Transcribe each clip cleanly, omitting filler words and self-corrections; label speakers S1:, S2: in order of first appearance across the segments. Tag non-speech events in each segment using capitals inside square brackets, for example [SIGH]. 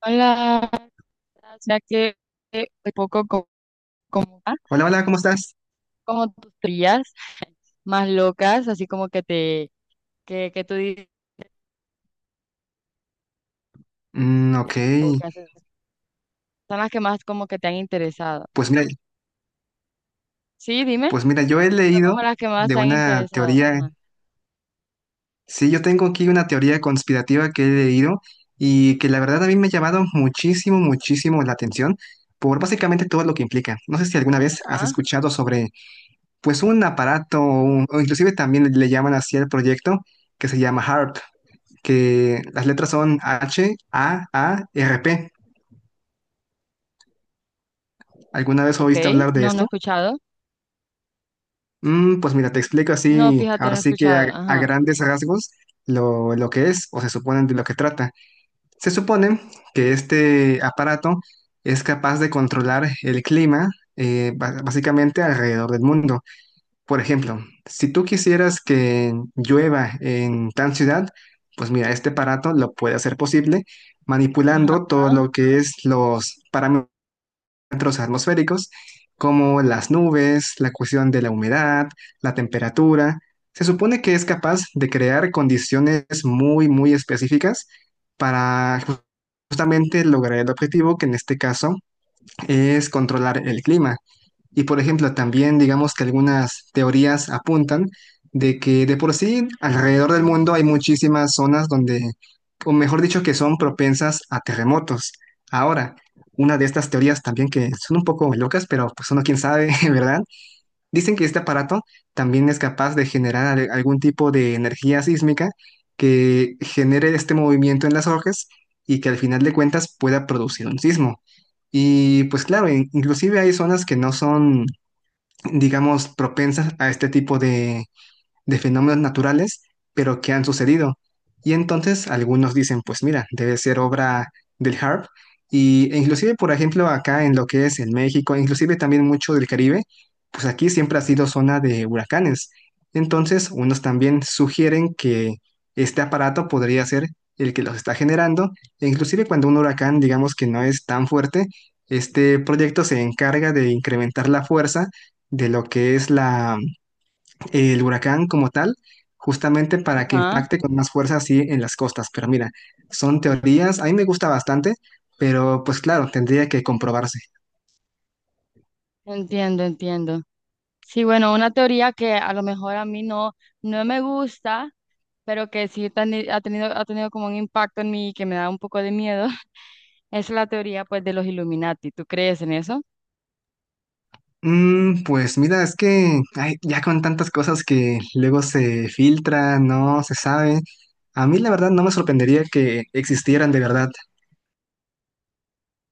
S1: Hola, ya que un poco como, ah,
S2: Hola, hola, ¿cómo estás?
S1: como tus teorías más locas, así como que te, que, tú dices,
S2: Ok,
S1: o que haces, son las que más como que te han interesado.
S2: pues mira,
S1: Sí, dime,
S2: pues mira, yo he
S1: porque son como
S2: leído
S1: las que más
S2: de
S1: te han
S2: una
S1: interesado.
S2: teoría,
S1: Ajá.
S2: sí, yo tengo aquí una teoría conspirativa que he leído y que la verdad a mí me ha llamado muchísimo, muchísimo la atención por básicamente todo lo que implica. No sé si alguna vez has
S1: Ah,
S2: escuchado sobre, pues, un aparato o, o inclusive también le llaman así al proyecto que se llama HARP, que las letras son HAARP. ¿Alguna vez
S1: ok,
S2: oíste hablar de
S1: no he
S2: esto?
S1: escuchado.
S2: Pues mira, te explico
S1: No,
S2: así,
S1: fíjate,
S2: ahora
S1: no he
S2: sí que
S1: escuchado.
S2: a
S1: Ajá,
S2: grandes rasgos lo que es o se supone de lo que trata. Se supone que este aparato es capaz de controlar el clima, básicamente alrededor del mundo. Por ejemplo, si tú quisieras que llueva en tal ciudad, pues mira, este aparato lo puede hacer posible
S1: ajá,
S2: manipulando todo
S1: ah,
S2: lo que es los parámetros, parámetros atmosféricos como las nubes, la cuestión de la humedad, la temperatura. Se supone que es capaz de crear condiciones muy, muy específicas para justamente lograr el objetivo, que en este caso es controlar el clima. Y por ejemplo,
S1: sí,
S2: también digamos que algunas teorías apuntan de que de por sí alrededor del mundo hay muchísimas zonas donde, o mejor dicho, que son propensas a terremotos. Ahora, una de estas teorías también que son un poco locas, pero pues uno quién sabe, [LAUGHS] ¿verdad? Dicen que este aparato también es capaz de generar algún tipo de energía sísmica que genere este movimiento en las hojas y que al final de cuentas pueda producir un sismo. Y pues claro, inclusive hay zonas que no son, digamos, propensas a este tipo de fenómenos naturales, pero que han sucedido. Y entonces algunos dicen, pues mira, debe ser obra del HARP. E inclusive, por ejemplo, acá en lo que es en México, inclusive también mucho del Caribe, pues aquí siempre ha sido zona de huracanes. Entonces, unos también sugieren que este aparato podría ser el que los está generando. E inclusive cuando un huracán, digamos que no es tan fuerte, este proyecto se encarga de incrementar la fuerza de lo que es el huracán como tal, justamente para que
S1: ajá,
S2: impacte con más fuerza así en las costas. Pero mira, son teorías, a mí me gusta bastante, pero pues claro, tendría que comprobarse.
S1: entiendo, entiendo. Sí, bueno, una teoría que a lo mejor a mí no, no me gusta pero que sí ha tenido como un impacto en mí que me da un poco de miedo, [LAUGHS] es la teoría pues de los Illuminati. ¿Tú crees en eso?
S2: Pues mira, es que ay, ya con tantas cosas que luego se filtran, no se sabe, a mí la verdad no me sorprendería que existieran de verdad.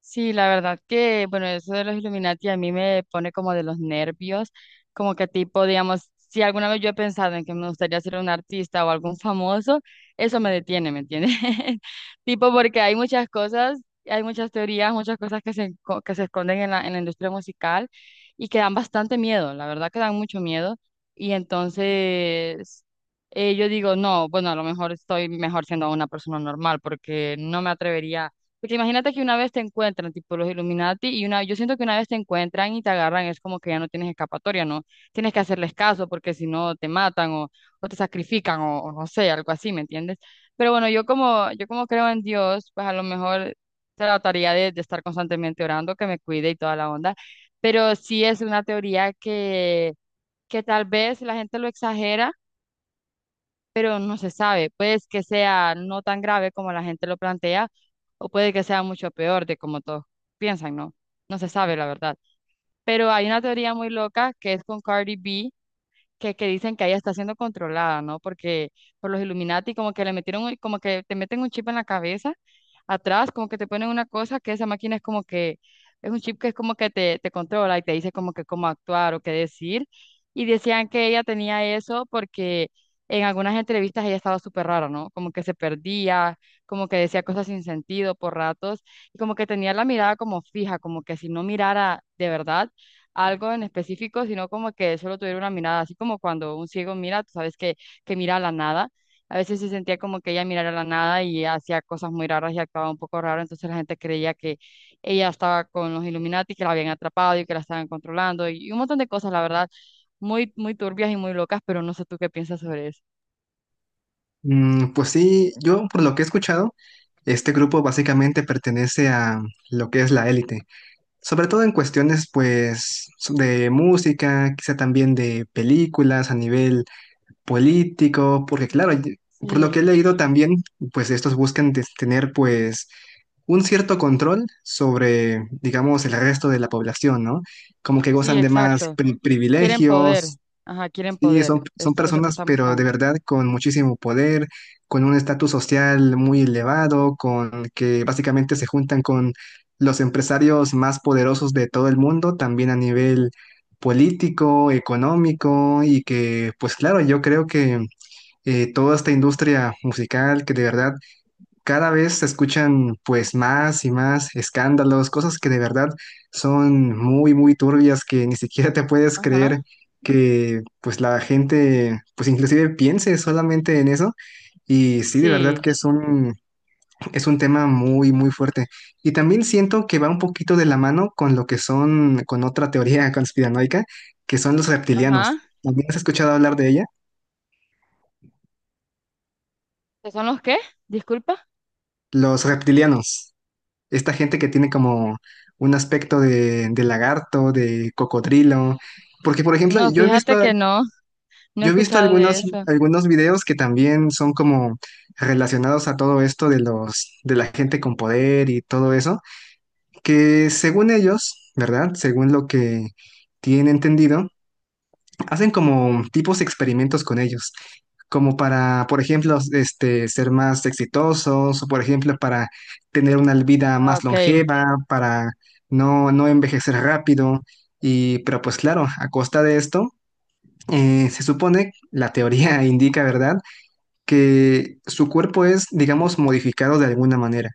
S1: Sí, la verdad que, bueno, eso de los Illuminati a mí me pone como de los nervios, como que tipo, digamos, si alguna vez yo he pensado en que me gustaría ser un artista o algún famoso, eso me detiene, ¿me entiendes? [LAUGHS] Tipo, porque hay muchas cosas, hay muchas teorías, muchas cosas que que se esconden en la industria musical y que dan bastante miedo, la verdad que dan mucho miedo. Y entonces, yo digo, no, bueno, a lo mejor estoy mejor siendo una persona normal porque no me atrevería porque imagínate que una vez te encuentran, tipo los Illuminati, y una, yo siento que una vez te encuentran y te agarran, es como que ya no tienes escapatoria, ¿no? Tienes que hacerles caso porque si no te matan o te sacrifican o no sé, algo así, ¿me entiendes? Pero bueno, yo como creo en Dios, pues a lo mejor trataría de estar constantemente orando, que me cuide y toda la onda, pero sí es una teoría que tal vez la gente lo exagera pero no se sabe. Puede que sea no tan grave como la gente lo plantea, o puede que sea mucho peor de como todos piensan, ¿no? No se sabe la verdad. Pero hay una teoría muy loca que es con Cardi B, que dicen que ella está siendo controlada, ¿no? Porque por los Illuminati como que le metieron, como que te meten un chip en la cabeza, atrás como que te ponen una cosa que esa máquina es como que, es un chip que es como que te controla y te dice como que cómo actuar o qué decir. Y decían que ella tenía eso porque en algunas entrevistas ella estaba súper rara, ¿no? Como que se perdía, como que decía cosas sin sentido por ratos y como que tenía la mirada como fija, como que si no mirara de verdad algo en específico, sino como que solo tuviera una mirada, así como cuando un ciego mira, tú sabes que mira a la nada. A veces se sentía como que ella mirara a la nada y hacía cosas muy raras y actuaba un poco raro, entonces la gente creía que ella estaba con los Illuminati, que la habían atrapado y que la estaban controlando y un montón de cosas, la verdad, muy, muy turbias y muy locas, pero no sé tú qué piensas sobre eso.
S2: Pues sí, yo por lo que he escuchado, este grupo básicamente pertenece a lo que es la élite. Sobre todo en cuestiones, pues, de música, quizá también de películas a nivel político, porque claro, por lo que he
S1: Sí,
S2: leído también, pues estos buscan tener, pues, un cierto control sobre, digamos, el resto de la población, ¿no? Como que
S1: sí,
S2: gozan de más
S1: exacto. Quieren poder,
S2: privilegios.
S1: ajá, quieren
S2: Sí,
S1: poder,
S2: son
S1: esto es lo que
S2: personas,
S1: están
S2: pero de
S1: buscando.
S2: verdad con muchísimo poder, con un estatus social muy elevado, con que básicamente se juntan con los empresarios más poderosos de todo el mundo, también a nivel político, económico, y que, pues claro, yo creo que toda esta industria musical que de verdad cada vez se escuchan pues más y más escándalos, cosas que de verdad son muy, muy turbias que ni siquiera te puedes creer
S1: Ajá,
S2: que pues la gente pues inclusive piense solamente en eso y sí, de verdad
S1: sí,
S2: que es un tema muy, muy fuerte. Y también siento que va un poquito de la mano con lo que son, con otra teoría [LAUGHS] conspiranoica, que son los
S1: ajá.
S2: reptilianos. ¿También has escuchado hablar de ella?
S1: ¿Qué son los qué? Disculpa.
S2: Los reptilianos. Esta gente que tiene como un aspecto de lagarto, de cocodrilo. Porque, por ejemplo,
S1: No, fíjate que no, no he
S2: yo he visto
S1: escuchado de
S2: algunos,
S1: eso.
S2: algunos videos que también son como relacionados a todo esto de los, de la gente con poder y todo eso, que según ellos, ¿verdad? Según lo que tienen entendido, hacen como tipos experimentos con ellos, como para, por ejemplo, este, ser más exitosos, o por ejemplo, para tener una vida
S1: Ah,
S2: más
S1: ok,
S2: longeva, para no envejecer rápido. Y, pero pues claro, a costa de esto, se supone, la teoría [LAUGHS] indica, ¿verdad? Que su cuerpo es, digamos, modificado de alguna manera.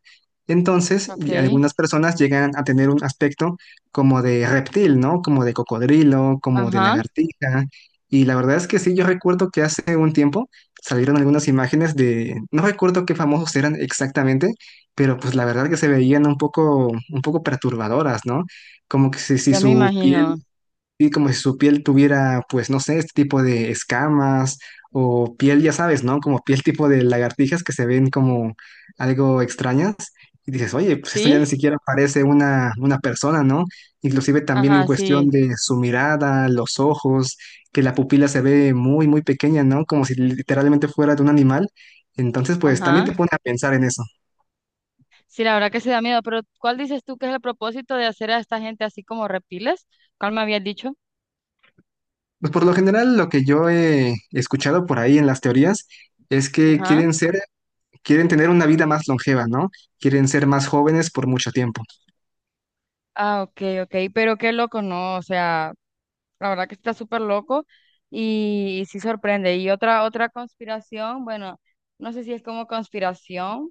S2: Entonces,
S1: ok,
S2: y algunas personas llegan a tener un aspecto como de reptil, ¿no? Como de cocodrilo, como de
S1: ajá,
S2: lagartija. Y la verdad es que sí, yo recuerdo que hace un tiempo salieron algunas imágenes de, no recuerdo qué famosos eran exactamente, pero pues la verdad que se veían un poco perturbadoras, ¿no? Como que si
S1: ya me
S2: su piel,
S1: imagino.
S2: sí, como si su piel tuviera, pues no sé, este tipo de escamas o piel, ya sabes, ¿no? Como piel tipo de lagartijas que se ven como algo extrañas. Y dices, oye, pues esto ya
S1: ¿Sí?
S2: ni siquiera parece una persona, ¿no? Inclusive también en
S1: Ajá,
S2: cuestión
S1: sí,
S2: de su mirada, los ojos, que la pupila se ve muy, muy pequeña, ¿no? Como si literalmente fuera de un animal. Entonces, pues también te
S1: ajá.
S2: pone a pensar en eso.
S1: Sí, la verdad que se da miedo, pero ¿cuál dices tú que es el propósito de hacer a esta gente así como reptiles? ¿Cuál me habías dicho?
S2: Pues por lo general, lo que yo he escuchado por ahí en las teorías es que
S1: Ajá.
S2: quieren ser, quieren tener una vida más longeva, ¿no? Quieren ser más jóvenes por mucho tiempo.
S1: Ah, ok, ok, pero qué loco, ¿no? O sea, la verdad que está súper loco y sí sorprende. Y otra, otra conspiración, bueno, no sé si es como conspiración,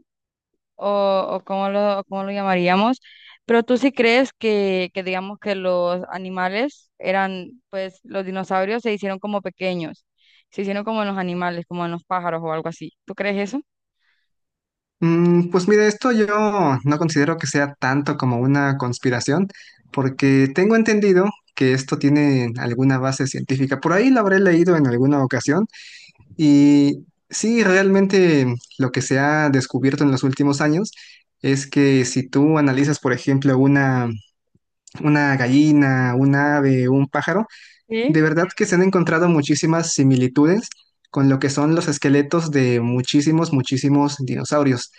S1: o cómo o cómo lo llamaríamos, pero tú sí crees que digamos que los animales eran, pues los dinosaurios se hicieron como pequeños, se hicieron como en los animales, como en los pájaros o algo así. ¿Tú crees eso?
S2: Pues mira, esto yo no considero que sea tanto como una conspiración, porque tengo entendido que esto tiene alguna base científica. Por ahí lo habré leído en alguna ocasión y sí, realmente lo que se ha descubierto en los últimos años es que si tú analizas, por ejemplo, una gallina, un ave, un pájaro,
S1: Sí.
S2: de verdad que se han encontrado muchísimas similitudes con lo que son los esqueletos de muchísimos, muchísimos dinosaurios.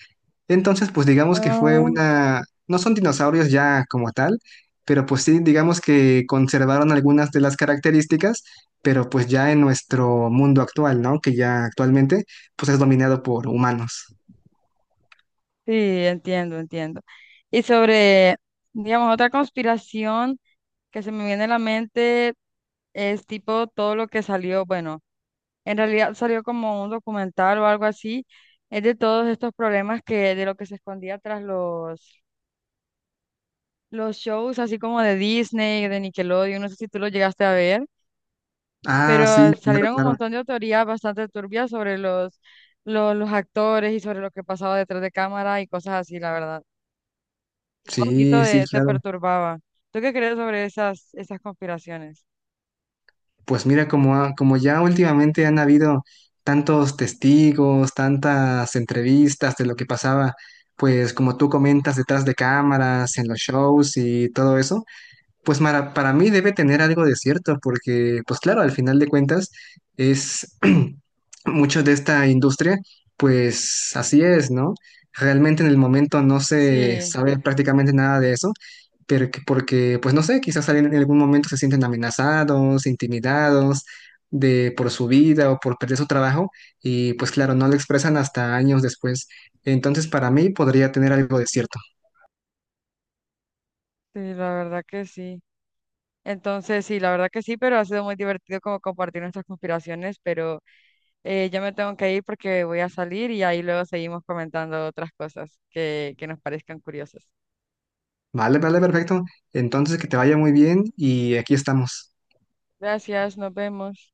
S2: Entonces, pues digamos que fue
S1: Ah,
S2: una... No son dinosaurios ya como tal, pero pues sí, digamos que conservaron algunas de las características, pero pues ya en nuestro mundo actual, ¿no? Que ya actualmente pues es dominado por humanos.
S1: sí, entiendo, entiendo. Y sobre, digamos, otra conspiración que se me viene a la mente es tipo todo lo que salió, bueno. En realidad salió como un documental o algo así, es de todos estos problemas que de lo que se escondía tras los shows, así como de Disney, de Nickelodeon, no sé si tú lo llegaste a ver,
S2: Ah, sí,
S1: pero
S2: claro,
S1: salieron un
S2: claro.
S1: montón de autorías bastante turbias sobre los actores y sobre lo que pasaba detrás de cámara y cosas así, la verdad. Te da un poquito
S2: Sí, sí,
S1: de, te
S2: claro.
S1: perturbaba. ¿Tú qué crees sobre esas, esas conspiraciones?
S2: Pues mira, como, como ya últimamente han habido tantos testigos, tantas entrevistas de lo que pasaba, pues como tú comentas detrás de cámaras, en los shows y todo eso, pues para mí debe tener algo de cierto, porque, pues claro, al final de cuentas es [CLEARS THROAT] mucho de esta industria, pues así es, ¿no? Realmente en el momento no se
S1: Sí,
S2: sabe prácticamente nada de eso, pero porque, pues no sé, quizás alguien en algún momento se sienten amenazados, intimidados de por su vida o por perder su trabajo y pues claro, no lo expresan hasta años después. Entonces, para mí podría tener algo de cierto.
S1: sí, la verdad que sí. Entonces, sí, la verdad que sí, pero ha sido muy divertido como compartir nuestras conspiraciones, pero yo me tengo que ir porque voy a salir y ahí luego seguimos comentando otras cosas que nos parezcan curiosas.
S2: Vale, vale, perfecto. Entonces, que te vaya muy bien y aquí estamos.
S1: Gracias, nos vemos.